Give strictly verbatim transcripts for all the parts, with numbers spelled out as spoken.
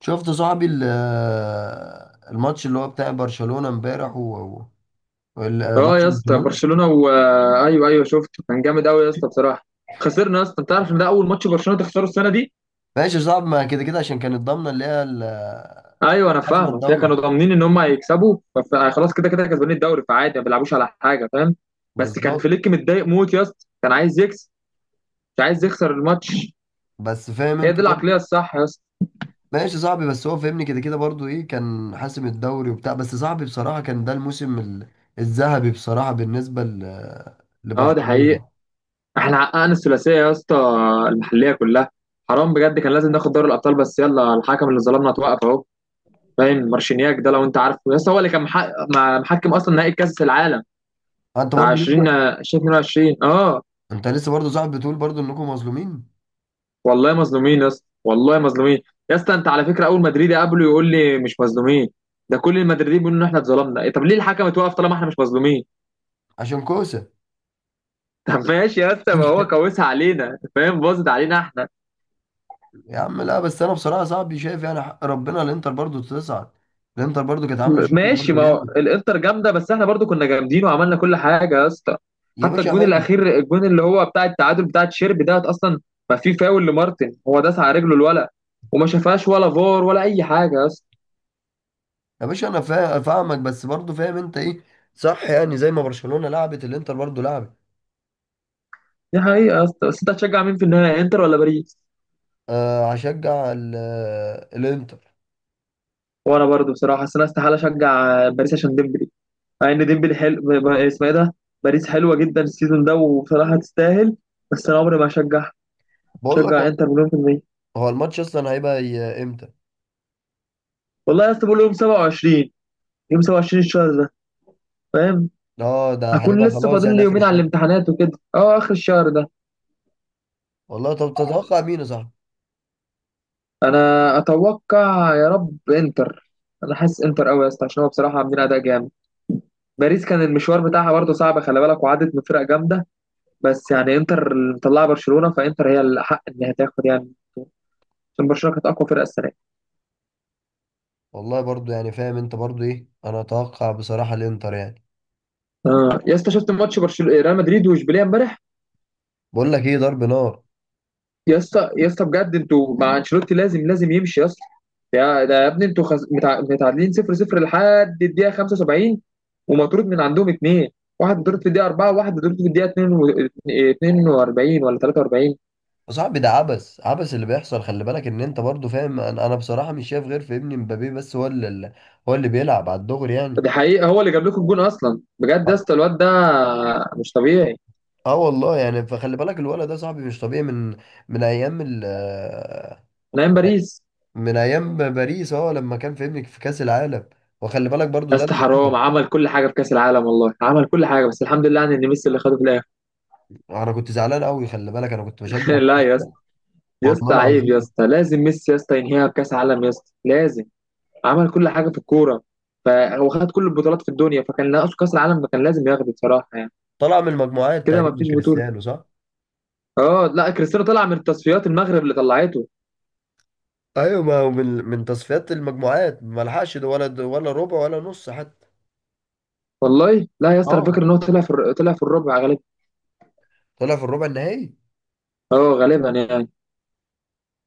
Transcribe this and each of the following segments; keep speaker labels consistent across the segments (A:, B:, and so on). A: شفت صاحبي ال- الماتش اللي هو بتاع برشلونة امبارح و و- وال-
B: اه
A: ماتش
B: يا اسطى،
A: برشلونة.
B: برشلونه و... ايوه ايوه، شفته كان جامد قوي يا اسطى بصراحه. خسرنا يا اسطى، انت عارف ان ده اول ماتش برشلونه تخسره السنه دي.
A: ماشي، صعب ما كده كده عشان كانت ضامنة اللي هي ال-
B: ايوه انا
A: حسم
B: فاهمك، هي
A: الدوري.
B: كانوا ضامنين ان هم هيكسبوا فف- خلاص كده كده كسبانين الدوري، فعادي ما بيلعبوش على حاجه، فاهم. بس كان
A: بالظبط.
B: فليك متضايق موت يا اسطى، كان عايز يكسب، مش عايز يخسر الماتش.
A: بس فاهم
B: هي
A: انت
B: دي
A: برضه.
B: العقليه الصح يا اسطى.
A: ماشي صاحبي، بس هو فاهمني كده كده برضه ايه، كان حاسم الدوري وبتاع، بس صاحبي بصراحة كان ده الموسم ال- الذهبي بصراحة بالنسبة ل-
B: اه، ده حقيقي.
A: لبرشلونة.
B: احنا حققنا الثلاثيه يا اسطى، المحليه كلها. حرام بجد، كان لازم ناخد دوري الابطال، بس يلا، الحكم اللي ظلمنا اتوقف اهو. باين مارشينياك ده لو انت عارفه، يس هو اللي كان محقق مع- محكم اصلا نهائي كاس العالم
A: انت
B: بتاع
A: برضه
B: عشرين
A: لسه-
B: ألفين واثنين وعشرين، اه.
A: انت لسه برضه صاحبي بتقول برضه انكم مظلومين.
B: والله مظلومين يا اسطى، والله مظلومين. يا اسطى، انت على فكره، اول مدريدي قابله يقول لي مش مظلومين. ده كل المدريدين بيقولوا ان احنا اتظلمنا، إيه طب ليه الحكم اتوقف طالما احنا مش مظلومين؟
A: عشان كوسة.
B: طب ماشي يا اسطى، ما هو كوسها علينا، فاهم، باظت علينا احنا.
A: يا عم لا، بس انا بصراحه صاحبي شايف يعني حق ربنا الانتر برضو تصعد. الانتر برضو كانت عامله
B: م-
A: شغل
B: ماشي،
A: برضو
B: ما هو
A: جامد.
B: الانتر جامده، بس احنا برضو كنا جامدين وعملنا كل حاجه يا اسطى.
A: يا
B: حتى
A: باشا
B: الجون
A: حلو.
B: الاخير، الجون اللي هو بتاع التعادل بتاع تشيرب، ده اصلا ما في فاول لمارتن، هو داس على رجله الولد، وما شافهاش ولا فار ولا اي حاجه يا اسطى.
A: يا باشا انا فا- فاهمك، بس برضو فاهم انت ايه. صح، يعني زي ما برشلونه لعبت الانتر برضو لعبت.
B: دي حقيقه يا اسطى، بس انت هتشجع مين في النهايه، انتر ولا باريس؟
A: آه هشجع ال- آه، الانتر.
B: وانا برضو بصراحه، بس انا استحاله اشجع باريس عشان ديمبلي. مع ان ديمبلي حلو، ب- ب- اسمه ايه ده، باريس حلوه جدا السيزون ده، وبصراحه تستاهل. بس انا عمري ما هشجع،
A: بقول لك،
B: هشجع
A: هو
B: انتر مليون في المية.
A: هو الماتش اصلا هيبقى ي- امتى؟
B: والله يا اسطى، بقول يوم سبعة وعشرين، يوم سبعة وعشرين الشهر ده، فاهم،
A: اه ده
B: اكون
A: هيبقى
B: لسه
A: خلاص
B: فاضل
A: يعني
B: لي
A: اخر
B: يومين على
A: الشهر.
B: الامتحانات وكده، اه، اخر الشهر ده.
A: والله طب تتوقع مين يا صاحبي؟
B: انا اتوقع يا رب انتر. انا حاسس انتر قوي يا اسطى، عشان هو بصراحه عاملين اداء جامد. باريس كان المشوار بتاعها برضه صعب، خلي بالك، وعدت من فرق جامده. بس يعني انتر اللي مطلعه برشلونه، فانتر هي الاحق انها تاخد يعني، عشان برشلونه كانت اقوى فرقه السنه دي.
A: والله برضو يعني فاهم انت برضو ايه، انا اتوقع بصراحه الانتر يعني.
B: اه يا اسطى، شفت ماتش برشلونه ريال مدريد واشبيليه امبارح.
A: بقول لك ايه، ضرب نار.
B: يا اسطى يا اسطى، بجد انتوا مع انشيلوتي لازم لازم يمشي يا اسطى. يا ده يا ابني، انتوا خز... متع... متعادلين صفر صفر لحد الدقيقه خمسة وسبعين، ومطرود من عندهم اثنين. واحد مطرود في الدقيقه أربعة، وواحد مطرود في الدقيقه اثنين وأربعين ولا ثلاثة وأربعين.
A: يا صاحبي ده عبث، عبث اللي بيحصل. خلي بالك ان انت برضو فاهم، انا انا بصراحة مش شايف غير في ابني مبابي، بس هو اللي هو اللي بيلعب على الدغري يعني.
B: دي حقيقه، هو اللي جاب لكم الجون اصلا بجد
A: اه.
B: يا اسطى، الواد ده مش طبيعي،
A: آه والله يعني. فخلي بالك الولد ده صاحبي مش طبيعي من من ايام ال آه،
B: نايم باريس.
A: من ايام باريس، اه لما كان في ابنك في كأس العالم. وخلي بالك برضو
B: يا
A: ده
B: اسطى
A: اللي
B: حرام،
A: شفته.
B: عمل كل حاجه في كاس العالم، والله عمل كل حاجه، بس الحمد لله يعني ان ميسي اللي خده في الاخر.
A: انا كنت زعلان قوي، خلي بالك انا كنت بشجع
B: لا يا اسطى،
A: فرنسا.
B: يا
A: والله
B: اسطى عيب يا
A: العظيم.
B: اسطى، لازم ميسي يا اسطى ينهيها بكاس عالم يا اسطى، لازم. عمل كل حاجه في الكوره، فهو خد كل البطولات في الدنيا، فكان ناقصه كاس العالم، كان لازم ياخده بصراحه يعني،
A: طلع من المجموعات
B: كده ما
A: تقريبا
B: فيش بطوله.
A: كريستيانو، صح؟
B: اه لا، كريستيانو طلع من التصفيات، المغرب اللي طلعته.
A: ايوه، ما هو من من تصفيات المجموعات ما لحقش ده، ولا ولا ربع ولا نص حتى.
B: والله لا يا اسطى، انا فاكر
A: اه
B: ان هو طلع في الر- طلع في الربع غالبا.
A: طلع في الربع النهائي.
B: اه غالبا يعني.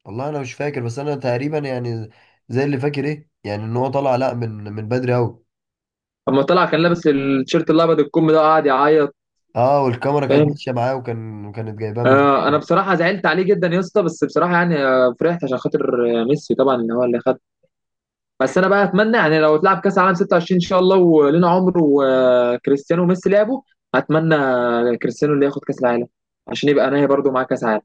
A: والله انا مش فاكر، بس انا تقريبا يعني زي اللي فاكر ايه، يعني ان هو طلع لا من من بدري قوي.
B: اما طلع كان لابس التيشيرت الابيض الكم ده وقعد يعيط،
A: اه، والكاميرا كانت
B: فاهم.
A: ماشيه معاه، وكان كانت جايباه من.
B: آه انا بصراحه زعلت عليه جدا يا اسطى، بس بصراحه يعني آه، فرحت عشان خاطر آه، ميسي طبعا ان هو اللي خد. بس انا بقى اتمنى يعني لو اتلعب كاس العالم ستة وعشرين ان شاء الله ولينا عمر، وكريستيانو وميسي لعبوا، اتمنى كريستيانو اللي ياخد كاس العالم، عشان يبقى انا برضو معاه كاس عالم،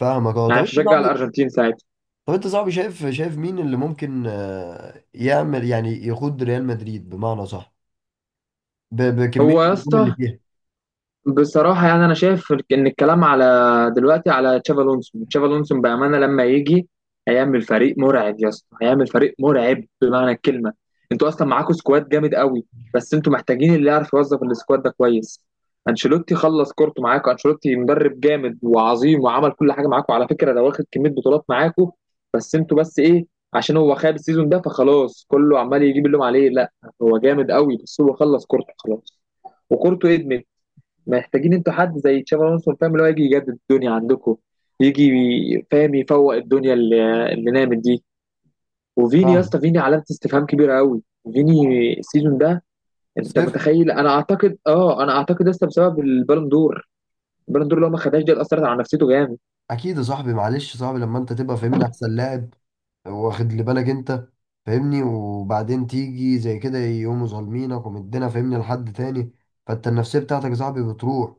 A: فاهمك، اه.
B: يعني
A: طب
B: مش
A: انت
B: هشجع
A: صاحبي
B: الارجنتين ساعتها.
A: طب انت صاحبي شايف شايف مين اللي ممكن آه، يعمل، يعني يقود ريال مدريد بمعنى صح، ب- بكميه
B: هو يا
A: النجوم اللي
B: اسطى
A: فيها.
B: بصراحة يعني أنا شايف إن الكلام على دلوقتي على تشافي ألونسو، تشافي ألونسو بأمانة لما يجي، هيعمل فريق مرعب يا اسطى، هيعمل فريق مرعب بمعنى الكلمة. أنتوا أصلا معاكوا سكواد جامد قوي، بس أنتوا محتاجين اللي يعرف يوظف السكواد ده كويس. أنشيلوتي خلص كورته معاكوا، أنشيلوتي مدرب جامد وعظيم، وعمل كل حاجة معاكوا على فكرة، ده واخد كمية بطولات معاكوا. بس أنتوا بس إيه، عشان هو خاب السيزون ده فخلاص كله عمال يجيب اللوم عليه، لا. هو جامد قوي، بس هو خلص كورته خلاص، وكورته إدمت. محتاجين انتوا حد زي تشابي الونسو، فاهم، اللي هو يجي يجدد الدنيا عندكم، يجي ي- فاهم يفوق الدنيا اللي, اللي نامت دي. وفيني يا
A: فاهم.
B: اسطى، فيني علامه استفهام كبيره قوي. فيني السيزون ده، انت
A: صفر.
B: متخيل، انا اعتقد اه انا اعتقد يا اسطى بسبب البالون دور. البالون دور لو ما خدهاش، دي اللي اثرت على نفسيته جامد.
A: اكيد يا صاحبي، معلش يا صاحبي لما انت تبقى فاهمني احسن لاعب، واخد لي بالك انت، فاهمني، وبعدين تيجي زي كده يقوموا ظالمينك ومدينا فاهمني لحد تاني، فانت النفسيه بتاعتك يا صاحبي بتروح،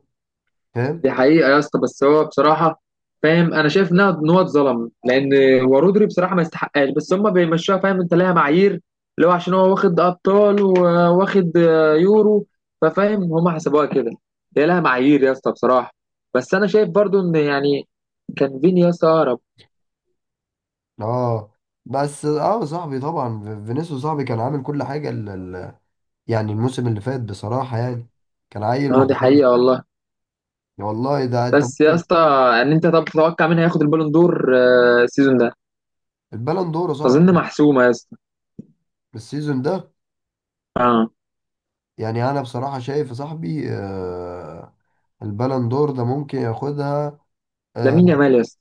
A: فاهم.
B: دي حقيقة يا اسطى، بس هو بصراحة فاهم، أنا شايف إنها إن هو اتظلم، لأن هو رودري بصراحة ما يستحقهاش، بس هما بيمشوها، فاهم، أنت ليها معايير، اللي هو عشان هو واخد أبطال وواخد آه، يورو. ففاهم، هما حسبوها كده، هي لها معايير يا اسطى بصراحة. بس أنا شايف برضو إن يعني كان فيني يا اسطى أقرب.
A: اه، بس اه صاحبي طبعا ف- فينيسيوس صاحبي كان عامل كل حاجه ال... ال- يعني الموسم اللي فات بصراحه يعني كان عيل ما
B: أه دي
A: حصلش.
B: حقيقة والله.
A: والله ده انت
B: بس يا
A: ممكن.
B: اسطى، إن أنت طب تتوقع مين هياخد البالون دور آه، السيزون ده؟
A: البالون دور يا صاحبي
B: أظن محسومة يا اسطى.
A: السيزون ده،
B: أه
A: يعني انا بصراحه شايف يا صاحبي آه، البالون دور ده ممكن ياخدها. آه.
B: لامين يامال يا اسطى.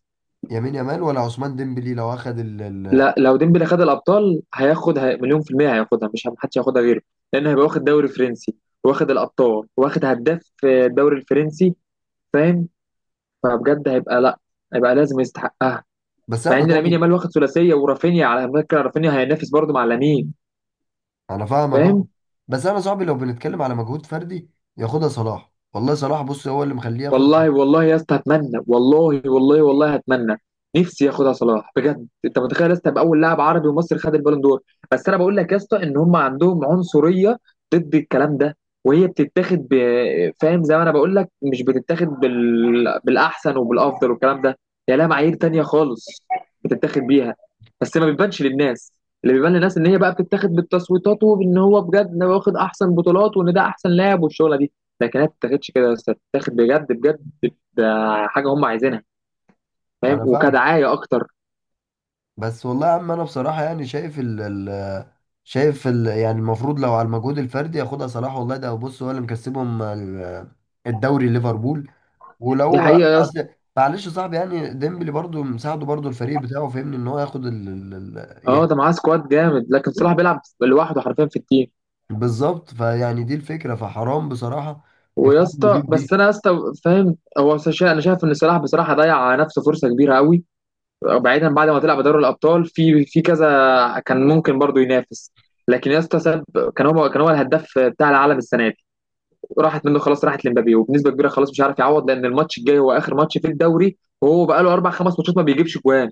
A: يمين يامال ولا عثمان ديمبلي لو اخد ال... ال...
B: لا، لو ديمبلي خد الابطال هياخد، هي... مليون في المية هياخدها، مش هم- محدش هياخدها غيره. لان هيبقى واخد دوري فرنسي، واخد الابطال، واخد هداف في الدوري الفرنسي، فاهم. فبجد هيبقى لا، هيبقى لازم يستحقها.
A: بس
B: مع
A: انا
B: ان لامين
A: صاحبي،
B: يامال واخد ثلاثية ورافينيا، على فكرة رافينيا هينافس برضه مع لامين،
A: انا فاهمك
B: فاهم.
A: اه. بس انا صاحبي لو بنتكلم على مجهود فردي ياخدها صلاح، والله صلاح بص هو اللي مخليه ياخد.
B: والله والله يا اسطى هتمنى، والله والله والله هتمنى، نفسي ياخدها صلاح بجد. انت متخيل يا اسطى، يبقى اول لاعب عربي ومصري خد البالون دور. بس انا بقول لك يا اسطى، ان هم عندهم عنصريه ضد الكلام ده. وهي بتتاخد ب... فاهم، زي ما انا بقول لك، مش بتتاخد بال... بالاحسن وبالافضل والكلام ده. هي لها معايير تانية خالص بتتاخد بيها، بس ما بتبانش للناس. اللي بيبان للناس ان هي بقى بتتاخد بالتصويتات، وان هو بجد إن هو واخد احسن بطولات وان ده احسن لاعب والشغله دي. لكن هي ما بتتاخدش كده، بس بتتاخد بجد بجد، ده حاجه هم عايزينها، فاهم،
A: انا فاهم.
B: وكدعايه اكتر.
A: بس والله يا عم انا بصراحه يعني شايف ال ال شايف ال يعني المفروض لو على المجهود الفردي ياخدها صلاح، والله ده بص هو اللي مكسبهم ال- الدوري ليفربول.
B: دي
A: ولو
B: حقيقه يا اسطى.
A: اصل معلش يا صاحبي، يعني ديمبلي برضو مساعده برضو الفريق بتاعه، فهمني ان هو ياخد ال ال- ال-
B: اه،
A: يعني.
B: ده معاه سكواد جامد، لكن صلاح بيلعب لوحده حرفيا في التيم.
A: بالظبط، فيعني دي الفكره، فحرام بصراحه
B: ويا
A: يقارنوا دي
B: اسطى،
A: بدي.
B: بس انا يا اسطى فاهم، هو شا- انا شايف ان صلاح بصراحه ضيع على نفسه فرصه كبيره قوي. بعيدا، بعد ما طلع بدوري الابطال في في كذا كان ممكن برضه ينافس، لكن يا اسطى ساب. كان هو كان هو الهداف بتاع العالم السنه دي، راحت منه خلاص، راحت لمبابي وبنسبه كبيره، خلاص مش عارف يعوض، لان الماتش الجاي هو اخر ماتش في الدوري، وهو بقى له اربع خمس ماتشات ما بيجيبش جوان،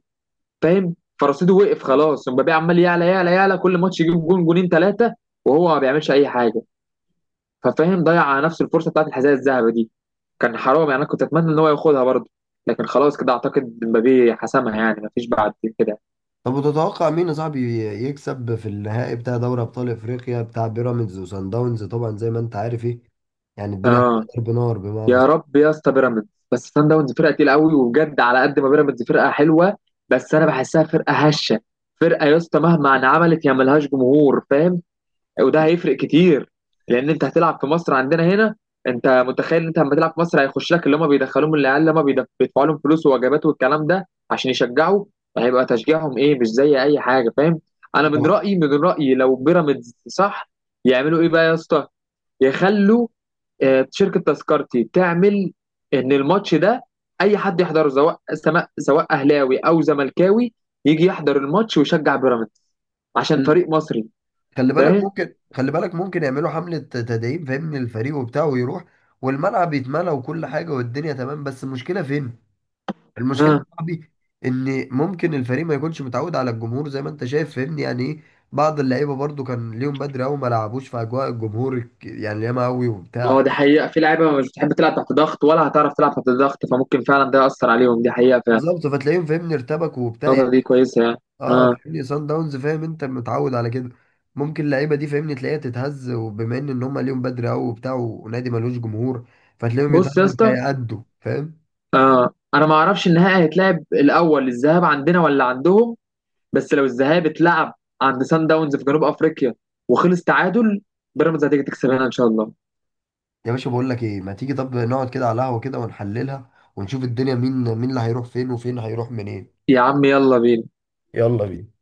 B: فاهم. فرصيده وقف خلاص، مبابي عمال يعلى يعلى يعلى، كل ماتش يجيب جون جونين ثلاثه، وهو ما بيعملش اي حاجه. ففاهم، ضيع على نفسه الفرصه بتاعت الحذاء الذهبي دي، كان حرام يعني، انا كنت اتمنى ان هو ياخدها برضه، لكن خلاص كده اعتقد مبابي حسمها يعني، ما فيش بعد كده.
A: طب وتتوقع مين يا صاحبي يكسب في النهائي بتاع دوري ابطال افريقيا بتاع بيراميدز وسان داونز؟ طبعا زي ما انت عارف، ايه يعني الدنيا
B: اه،
A: هتضرب نار بمعنى
B: يا
A: اصح.
B: رب يا اسطى بيراميدز. بس سان داونز فرقه تقيله قوي، وبجد على قد ما بيراميدز فرقه حلوه، بس انا بحسها فرقه هشه. فرقه يا اسطى مهما انعملت هي ملهاش جمهور، فاهم، وده هيفرق كتير. لان انت هتلعب في مصر عندنا هنا، انت متخيل ان انت لما تلعب في مصر هيخش لك اللي هم بيدخلوهم، العيال اللي هم بيدف- بيدفعوا لهم فلوس ووجبات والكلام ده عشان يشجعوا، هيبقى تشجيعهم ايه مش زي اي حاجه، فاهم. انا من
A: طبعاً.
B: رايي من رايي لو بيراميدز صح، يعملوا ايه بقى يا اسطى، يخلوا آه، شركه تذكرتي تعمل ان الماتش ده اي حد يحضره، سواء سما- سواء اهلاوي او زملكاوي، يجي يحضر الماتش ويشجع بيراميدز عشان
A: خل-
B: فريق مصري،
A: خلي بالك
B: فاهم.
A: ممكن خلي بالك ممكن يعملوا حملة تدعيم، فاهمني الفريق وبتاع، ويروح والملعب يتملى وكل حاجة والدنيا تمام. بس المشكلة فين؟ المشكلة يا
B: اه
A: صاحبي ان ممكن الفريق ما يكونش متعود على الجمهور زي ما انت شايف، فاهمني يعني ايه، بعض اللعيبة برضو كان ليهم بدري قوي، ما لعبوش في اجواء الجمهور الك- يعني ياما قوي
B: ما هو
A: وبتاع.
B: دي حقيقه، في لعيبه مش بتحب تلعب تحت ضغط ولا هتعرف تلعب تحت ضغط، فممكن فعلا ده ياثر عليهم، دي حقيقه فعلا.
A: بالظبط، فتلاقيهم فاهمني ارتبك وبتاع
B: النقطه دي
A: يعني.
B: كويسه يعني.
A: اه
B: اه،
A: فاهمني سان داونز، فاهم انت متعود على كده. ممكن اللعيبه دي فاهمني تلاقيها تتهز، وبما ان ان هم ليهم بدري قوي وبتاع، ونادي ملوش جمهور، فتلاقيهم
B: بص يا
A: يتهزوا مش
B: اسطى،
A: هيأدوا، فاهم.
B: آه. انا ما اعرفش النهائي هيتلعب الاول الذهاب عندنا ولا عندهم. بس لو الذهاب اتلعب عند سان داونز في جنوب افريقيا وخلص تعادل، بيراميدز هتيجي تكسب هنا ان شاء الله.
A: يا باشا بقول لك ايه، ما تيجي طب نقعد كده على قهوه كده ونحللها، ونشوف الدنيا مين، مين اللي هيروح فين وفين هيروح منين.
B: يا عم يلا بينا.
A: يلا بينا.